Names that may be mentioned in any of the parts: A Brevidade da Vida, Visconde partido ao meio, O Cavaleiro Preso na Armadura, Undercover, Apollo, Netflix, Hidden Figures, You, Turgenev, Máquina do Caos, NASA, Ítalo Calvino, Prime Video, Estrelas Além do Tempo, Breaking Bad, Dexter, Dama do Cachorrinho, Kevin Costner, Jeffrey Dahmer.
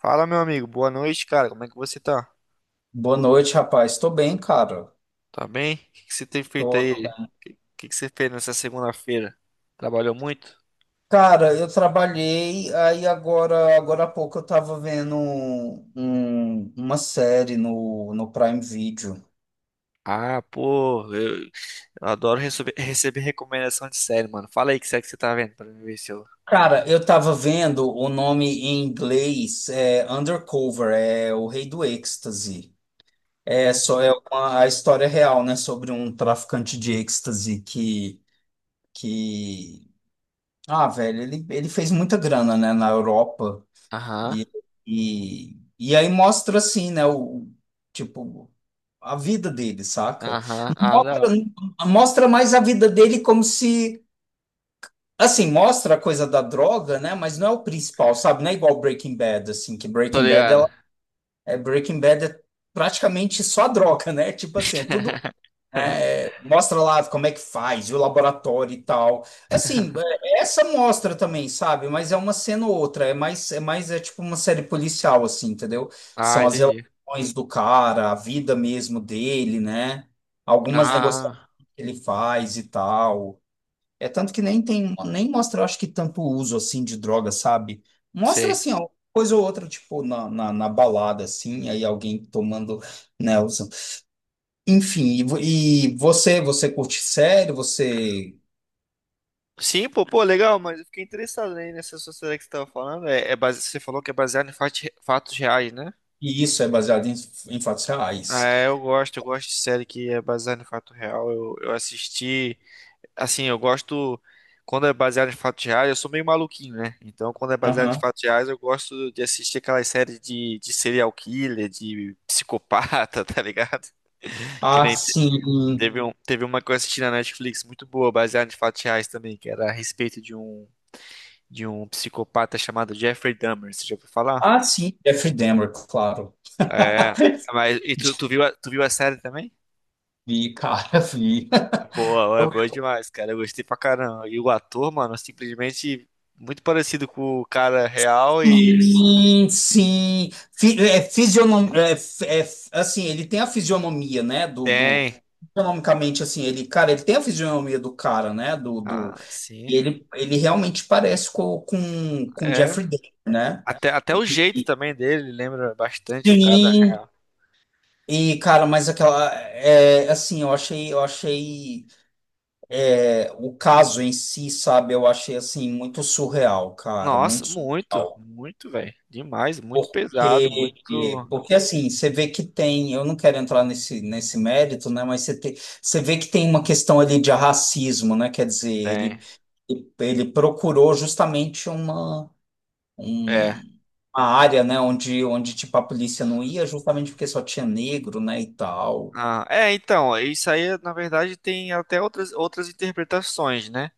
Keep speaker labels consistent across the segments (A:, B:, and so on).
A: Fala, meu amigo. Boa noite, cara. Como é que você tá?
B: Boa noite, rapaz. Tô bem, cara.
A: Tá bem? O que que você tem feito
B: Tô,
A: aí?
B: tô
A: O
B: bem.
A: que que você fez nessa segunda-feira? Trabalhou muito?
B: Cara, eu trabalhei, aí agora há pouco eu tava vendo uma série no Prime Video.
A: Ah, pô, eu adoro receber recomendação de série, mano. Fala aí que série que você tá vendo pra mim ver se eu.
B: Cara, eu tava vendo o nome em inglês, é Undercover, é o Rei do Êxtase. É
A: Hum,
B: só é uma, a história é real, né, sobre um traficante de êxtase que ah, velho, ele fez muita grana, né, na Europa.
A: Aham,
B: E, e aí mostra assim, né, tipo, a vida dele, saca?
A: aham,
B: Não
A: ah, da
B: mostra,
A: hora.
B: mostra mais a vida dele como se, assim, mostra a coisa da droga, né, mas não é o principal, sabe? Não é igual Breaking Bad, assim, que
A: Tô
B: Breaking Bad,
A: ligado.
B: ela, é, Breaking Bad é praticamente só a droga, né? Tipo assim, é tudo, né? É, mostra lá como é que faz, e o laboratório e tal. Assim, essa mostra também, sabe? Mas é uma cena ou outra, é mais, é mais tipo uma série policial, assim, entendeu?
A: Ah,
B: São as
A: entendi.
B: relações do cara, a vida mesmo dele, né? Algumas negociações
A: Ah,
B: que ele faz e tal. É tanto que nem tem, nem mostra, eu acho que tanto uso assim de droga, sabe? Mostra
A: sei.
B: assim, ó, coisa ou outra, tipo, na balada, assim, aí alguém tomando, né, enfim, e você curte série, você,
A: Sim, pô, pô, legal, mas eu fiquei interessado aí nessa sua série que você tava falando. É, é base... Você falou que é baseado em fatos reais, né?
B: e isso é baseado em fatos
A: Ah,
B: reais.
A: é, eu gosto de série que é baseada em fato real. Eu assisti, assim, eu gosto quando é baseado em fatos reais, eu sou meio maluquinho, né? Então, quando é baseado em
B: Aham.
A: fatos reais, eu gosto de assistir aquelas séries de serial killer, de psicopata, tá ligado? Que
B: Ah,
A: nem te-
B: sim.
A: teve um, teve uma que eu assisti na Netflix muito boa, baseada em fatos reais também, que era a respeito de um psicopata chamado Jeffrey Dahmer, você já ouviu falar?
B: Ah, sim. Jeffrey Dahmer, claro.
A: É, mas e tu, tu viu a série também?
B: Vi, cara, vi.
A: Boa, é
B: Eu-
A: boa demais, cara. Eu gostei pra caramba. E o ator, mano, simplesmente muito parecido com o cara real e eles
B: Sim, sim. Fi- é, fisionom, é, f- assim, ele tem a fisionomia, né?
A: têm.
B: Fisionomicamente, assim, ele, cara, ele tem a fisionomia do cara, né?
A: Ah, sim.
B: E ele realmente parece com
A: É.
B: Jeffrey Dahmer, né?
A: Até o
B: E-
A: jeito
B: e-
A: também dele lembra bastante o cara
B: Sim.
A: real.
B: E, cara, mas aquela. É, assim, eu achei. É, o caso em si, sabe? Eu achei, assim, muito surreal, cara,
A: Nossa,
B: muito
A: muito,
B: surreal.
A: muito, velho. Demais, muito pesado,
B: Porque,
A: muito.
B: porque assim, você vê que tem. Eu não quero entrar nesse mérito, né? Mas você, tem, você vê que tem uma questão ali de racismo, né? Quer dizer,
A: Tem.
B: ele, procurou justamente uma.
A: É.
B: um- uma área, né, onde tipo a polícia não ia, justamente porque só tinha negro, né, e tal.
A: Ah, é, então, isso aí, na verdade, tem até outras interpretações, né?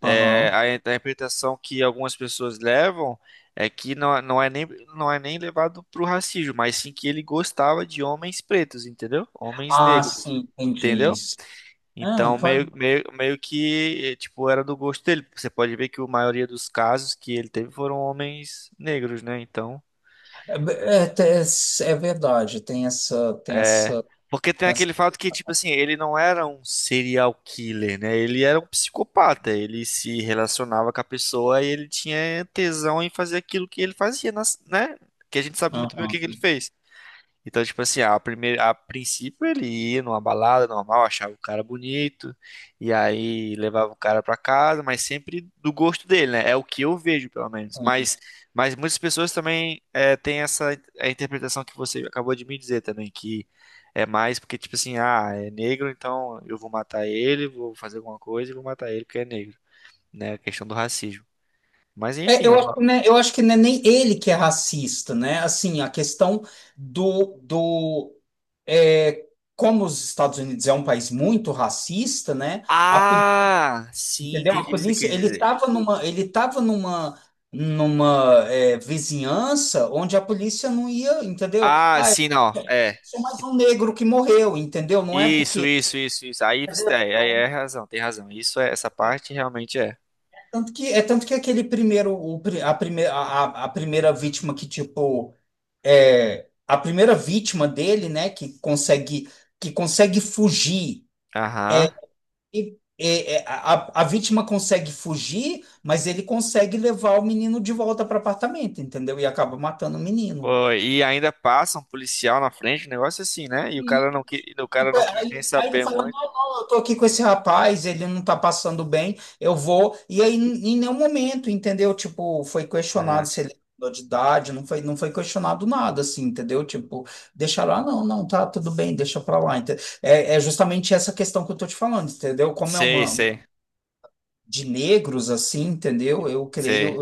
A: É,
B: Aham.
A: a interpretação que algumas pessoas levam é que não é nem, não é nem levado pro racismo, mas sim que ele gostava de homens pretos, entendeu? Homens
B: Ah,
A: negros,
B: sim, entendi
A: entendeu?
B: isso. Ah,
A: Então, meio,
B: pode.
A: meio, meio que, tipo, era do gosto dele. Você pode ver que a maioria dos casos que ele teve foram homens negros, né? Então.
B: É, é, é verdade, tem essa, tem
A: É,
B: essa,
A: porque tem
B: tem essa.
A: aquele fato que, tipo assim, ele não era um serial killer, né? Ele era um psicopata. Ele se relacionava com a pessoa e ele tinha tesão em fazer aquilo que ele fazia, né? Que a gente sabe muito bem o
B: Aham,
A: que que ele fez. Então, tipo assim, primeira, a princípio ele ia numa balada normal, achava o cara bonito, e aí levava o cara pra casa, mas sempre do gosto dele, né? É o que eu vejo, pelo menos.
B: entendi.
A: Mas muitas pessoas também têm essa a interpretação que você acabou de me dizer também, que é mais porque, tipo assim, ah, é negro, então eu vou matar ele, vou fazer alguma coisa e vou matar ele porque é negro, né? A questão do racismo. Mas
B: É,
A: enfim, é
B: eu, acho que
A: uma.
B: não é- eu acho que não é nem ele que é racista, né? Assim, a questão do é, como os Estados Unidos é um país muito racista, né? A
A: Ah, sim,
B: Entendeu? A
A: entendi o que você quer
B: polícia, ele
A: dizer.
B: estava numa, ele tava numa, numa é, vizinhança onde a polícia não ia, entendeu?
A: Ah,
B: Ah, é,
A: sim, não.
B: é
A: É.
B: só mais um negro que morreu, entendeu? Não é
A: Isso,
B: porque
A: isso, isso, isso. Aí é razão, tem razão. Isso é, essa parte realmente é.
B: é tanto que aquele primeiro, a primeira, a primeira vítima que tipo é a primeira vítima dele, né, que consegue fugir.
A: Aham.
B: E, a vítima consegue fugir, mas ele consegue levar o menino de volta para o apartamento, entendeu? E acaba matando o menino.
A: Pô, e ainda passa um policial na frente, um negócio assim, né? E o
B: Sim.
A: cara não quis, o cara
B: Tipo,
A: não
B: é,
A: quis nem
B: Aí, aí ele
A: saber
B: fala,
A: muito.
B: não, eu tô aqui com esse rapaz, ele não tá passando bem, eu vou. E aí, em nenhum momento, entendeu? Tipo, foi
A: É.
B: questionado se ele mudou de idade, não foi questionado nada, assim, entendeu? Tipo, deixa lá, não, não, tá tudo bem, deixa pra lá. É, justamente essa questão que eu tô te falando, entendeu? Como é
A: Sei,
B: uma
A: sei,
B: de negros, assim, entendeu? Eu
A: sei.
B: creio,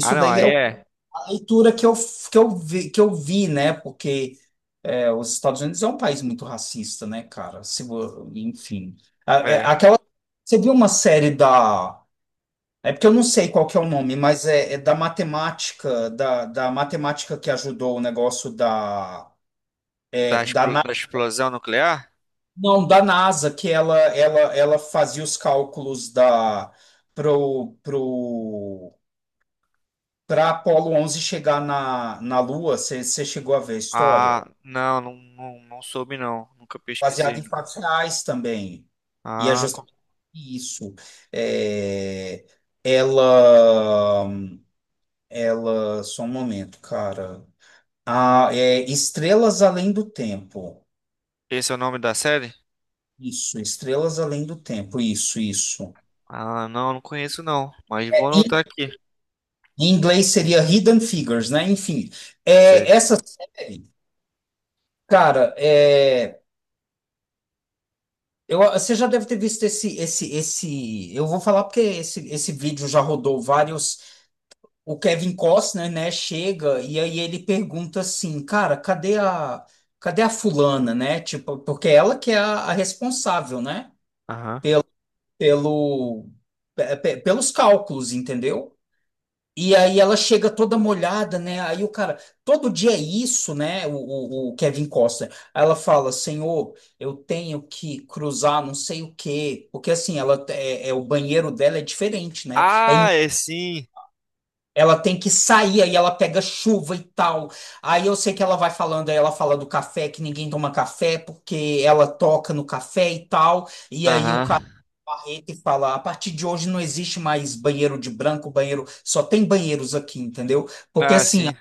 A: Ah, não,
B: daí é
A: aí é,
B: a leitura que eu vi, né? Porque os Estados Unidos é um país muito racista, né, cara? Se, vo- enfim. A- é-
A: é
B: Aquela. Você viu uma série da. É porque eu não sei qual que é o nome, mas é da matemática, da matemática que ajudou o negócio da, é,
A: da,
B: da Na-
A: da explosão nuclear?
B: não, da NASA, que ela fazia os cálculos da pro, pro, para Apolo 11 chegar na Lua. Você chegou a ver a história?
A: Ah, não, não, não, não soube não, nunca pesquisei.
B: Baseado em
A: Não.
B: fatos reais também. E é
A: Ah, co-
B: justamente isso. É, ela, só um momento, cara. Ah, é Estrelas Além do Tempo.
A: esse é o nome da série?
B: Isso, Estrelas Além do Tempo. Isso, isso.
A: Ah, não, não conheço não, mas vou
B: É,
A: anotar
B: Em
A: aqui.
B: em inglês seria Hidden Figures, né? Enfim,
A: Sei.
B: essa série, cara, você já deve ter visto esse, esse. Eu vou falar porque esse vídeo já rodou vários. O Kevin Costner, né, chega e aí ele pergunta assim, cara, cadê a fulana, né? Tipo, porque ela que é a responsável, né?
A: Aham.
B: Pelo, pelo, pelos cálculos, entendeu? E aí ela chega toda molhada, né? Aí o cara, todo dia é isso, né? O Kevin Costner. Aí ela fala, Senhor, eu tenho que cruzar não sei o quê. Porque assim, ela o banheiro dela é diferente, né?
A: Ah, é sim.
B: Ela tem que sair, aí ela pega chuva e tal. Aí eu sei que ela vai falando, aí ela fala do café, que ninguém toma café, porque ela toca no café e tal. E aí o
A: Aham.
B: carrete fala: a partir de hoje não existe mais banheiro de branco, banheiro, só tem banheiros aqui, entendeu? Porque
A: Ah,
B: assim, a
A: sim.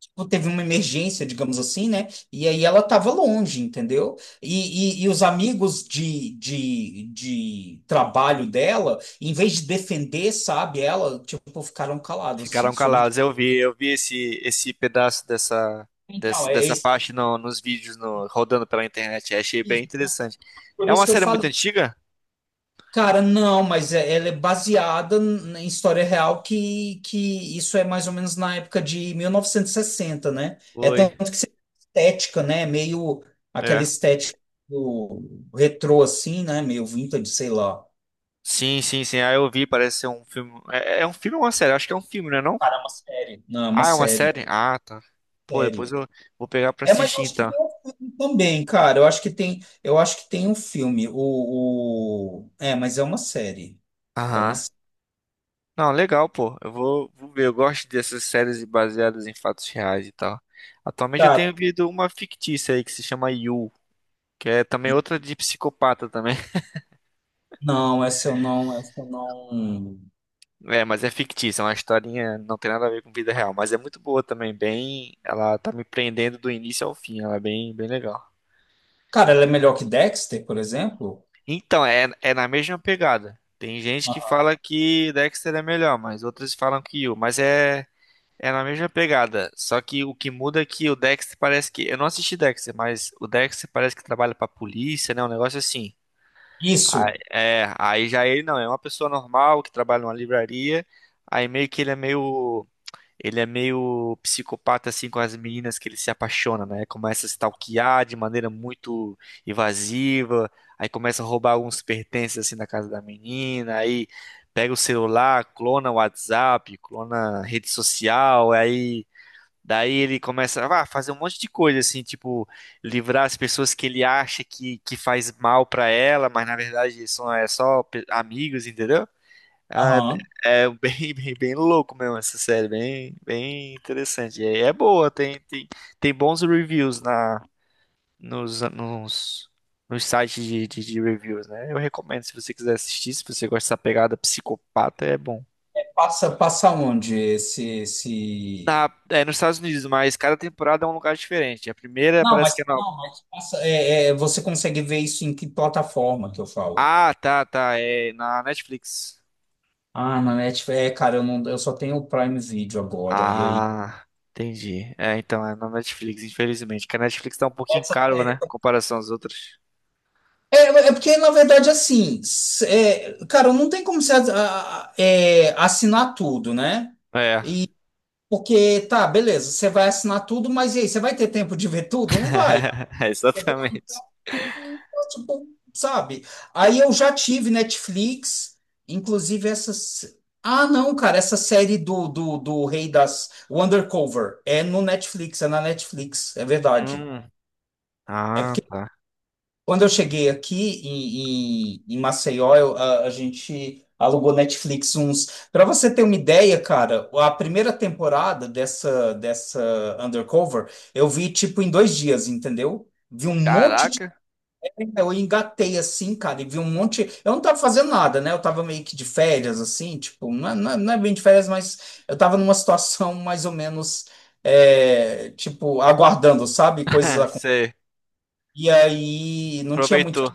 B: tipo, teve uma emergência, digamos assim, né? E aí ela tava longe, entendeu? E os amigos de trabalho dela, em vez de defender, sabe, ela, tipo, ficaram calados, assim,
A: Ficaram
B: se
A: calados.
B: omitiram.
A: Eu vi esse, esse pedaço desse,
B: Então,
A: dessa parte nos vídeos rodando pela internet. Achei bem
B: isso, né?
A: interessante.
B: Por
A: É
B: isso
A: uma
B: que eu
A: série muito
B: falei.
A: antiga?
B: Cara, não, mas ela é baseada em história real que isso é mais ou menos na época de 1960, né? É
A: Oi.
B: tanto que estética, né? Meio aquela
A: É.
B: estética do retrô, assim, né? Meio vintage, sei lá.
A: Sim, sim, sim. Ah, eu vi, parece ser um filme. É, é um filme ou uma série? Acho que é um filme, né, não?
B: Cara, é uma série. Não, é uma
A: Ah, é uma
B: série.
A: série? Ah, tá. Pô, depois
B: Série.
A: eu vou pegar pra
B: É, mas eu
A: assistir
B: acho que
A: então.
B: tem um filme também, cara. Eu acho que tem um filme. É, mas é uma série. É uma
A: Aham.
B: série.
A: Não, legal, pô. Vou ver. Eu gosto dessas séries baseadas em fatos reais e tal. Atualmente eu
B: Cara,
A: tenho visto uma fictícia aí que se chama You. Que é também outra de psicopata também.
B: não, essa eu não, essa eu não.
A: É, mas é fictícia, é uma historinha, não tem nada a ver com vida real, mas é muito boa também, bem, ela tá me prendendo do início ao fim, ela é bem, bem legal.
B: Cara, ela é melhor que Dexter, por exemplo?
A: Então, é na mesma pegada. Tem gente que
B: Ah,
A: fala que Dexter é melhor, mas outras falam que Yu, mas é na mesma pegada, só que o que muda é que o Dexter parece que, eu não assisti Dexter, mas o Dexter parece que trabalha pra polícia, né, um negócio assim.
B: isso.
A: É, aí já ele não, é uma pessoa normal que trabalha numa livraria, aí meio que ele é meio psicopata assim com as meninas que ele se apaixona, né? Começa a stalkear de maneira muito invasiva, aí começa a roubar alguns pertences assim na casa da menina, aí pega o celular, clona o WhatsApp, clona a rede social, aí daí ele começa a fazer um monte de coisa assim, tipo livrar as pessoas que ele acha que faz mal pra ela, mas na verdade são só amigos, entendeu? Ah,
B: Aham.
A: é é bem, bem, bem louco mesmo essa série, bem, bem interessante. E aí é boa, tem bons reviews nos, nos, nos sites de reviews, né? Eu recomendo se você quiser assistir, se você gosta dessa pegada psicopata, é bom.
B: Passa, passa onde esse, esse.
A: Na, é nos Estados Unidos, mas cada temporada é um lugar diferente. A primeira
B: Não,
A: parece
B: mas
A: que é na...
B: não, mas passa, você consegue ver isso em que plataforma que eu falo?
A: Tá, é na Netflix.
B: Ah, na Netflix, cara, eu não, eu só tenho o Prime Video agora e aí
A: Ah, entendi. É, então, é na Netflix, infelizmente, que a Netflix tá um pouquinho
B: essa
A: caro,
B: série.
A: né? Em comparação às outras.
B: É, porque na verdade assim, cara, não tem como você assinar tudo, né?
A: É.
B: Porque, tá, beleza, você vai assinar tudo, mas e aí, você vai ter tempo de ver tudo? Não vai. É
A: Exatamente.
B: tipo, sabe? Aí eu já tive Netflix, inclusive essas. Ah, não, cara, essa série do Rei das. O Undercover. É no Netflix, é na Netflix, é verdade.
A: Hum.
B: É
A: Ah, tá.
B: Quando eu cheguei aqui em Maceió, a gente alugou Netflix uns. Para você ter uma ideia, cara, a primeira temporada dessa Undercover eu vi tipo em 2 dias, entendeu? Vi um monte de.
A: Caraca.
B: Eu engatei assim, cara, e vi um monte. Eu não tava fazendo nada, né? Eu tava meio que de férias, assim, tipo, não é bem de férias, mas eu tava numa situação mais ou menos, tipo, aguardando, sabe? Coisas acontecendo.
A: Você
B: E aí não tinha muito
A: aproveitou.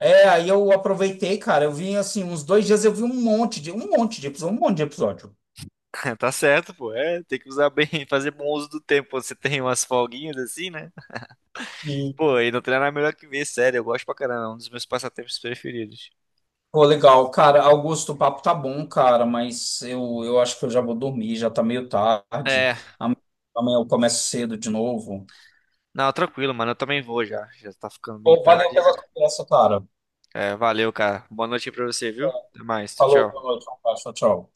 B: aí eu aproveitei, cara. Eu vi assim, uns 2 dias eu vi um monte de episódio, um monte de episódio.
A: Tá certo, pô. É, tem que usar bem, fazer bom uso do tempo. Você tem umas folguinhas assim, né?
B: E,
A: Pô, e não tem nada melhor que ver, sério. Eu gosto pra caramba. É um dos meus passatempos preferidos.
B: pô, legal, cara. Augusto, o papo tá bom, cara, mas eu acho que eu já vou dormir, já tá meio tarde.
A: É,
B: Amanhã amanhã eu começo cedo de novo.
A: não, tranquilo, mano. Eu também vou já. Já tá ficando bem
B: Pô, valeu
A: tarde.
B: pela conversa, cara.
A: É, valeu, cara. Boa noite aí pra você, viu?
B: É,
A: Até mais. Tchau,
B: Falou, boa
A: tchau.
B: noite, um abraço, tchau, tchau.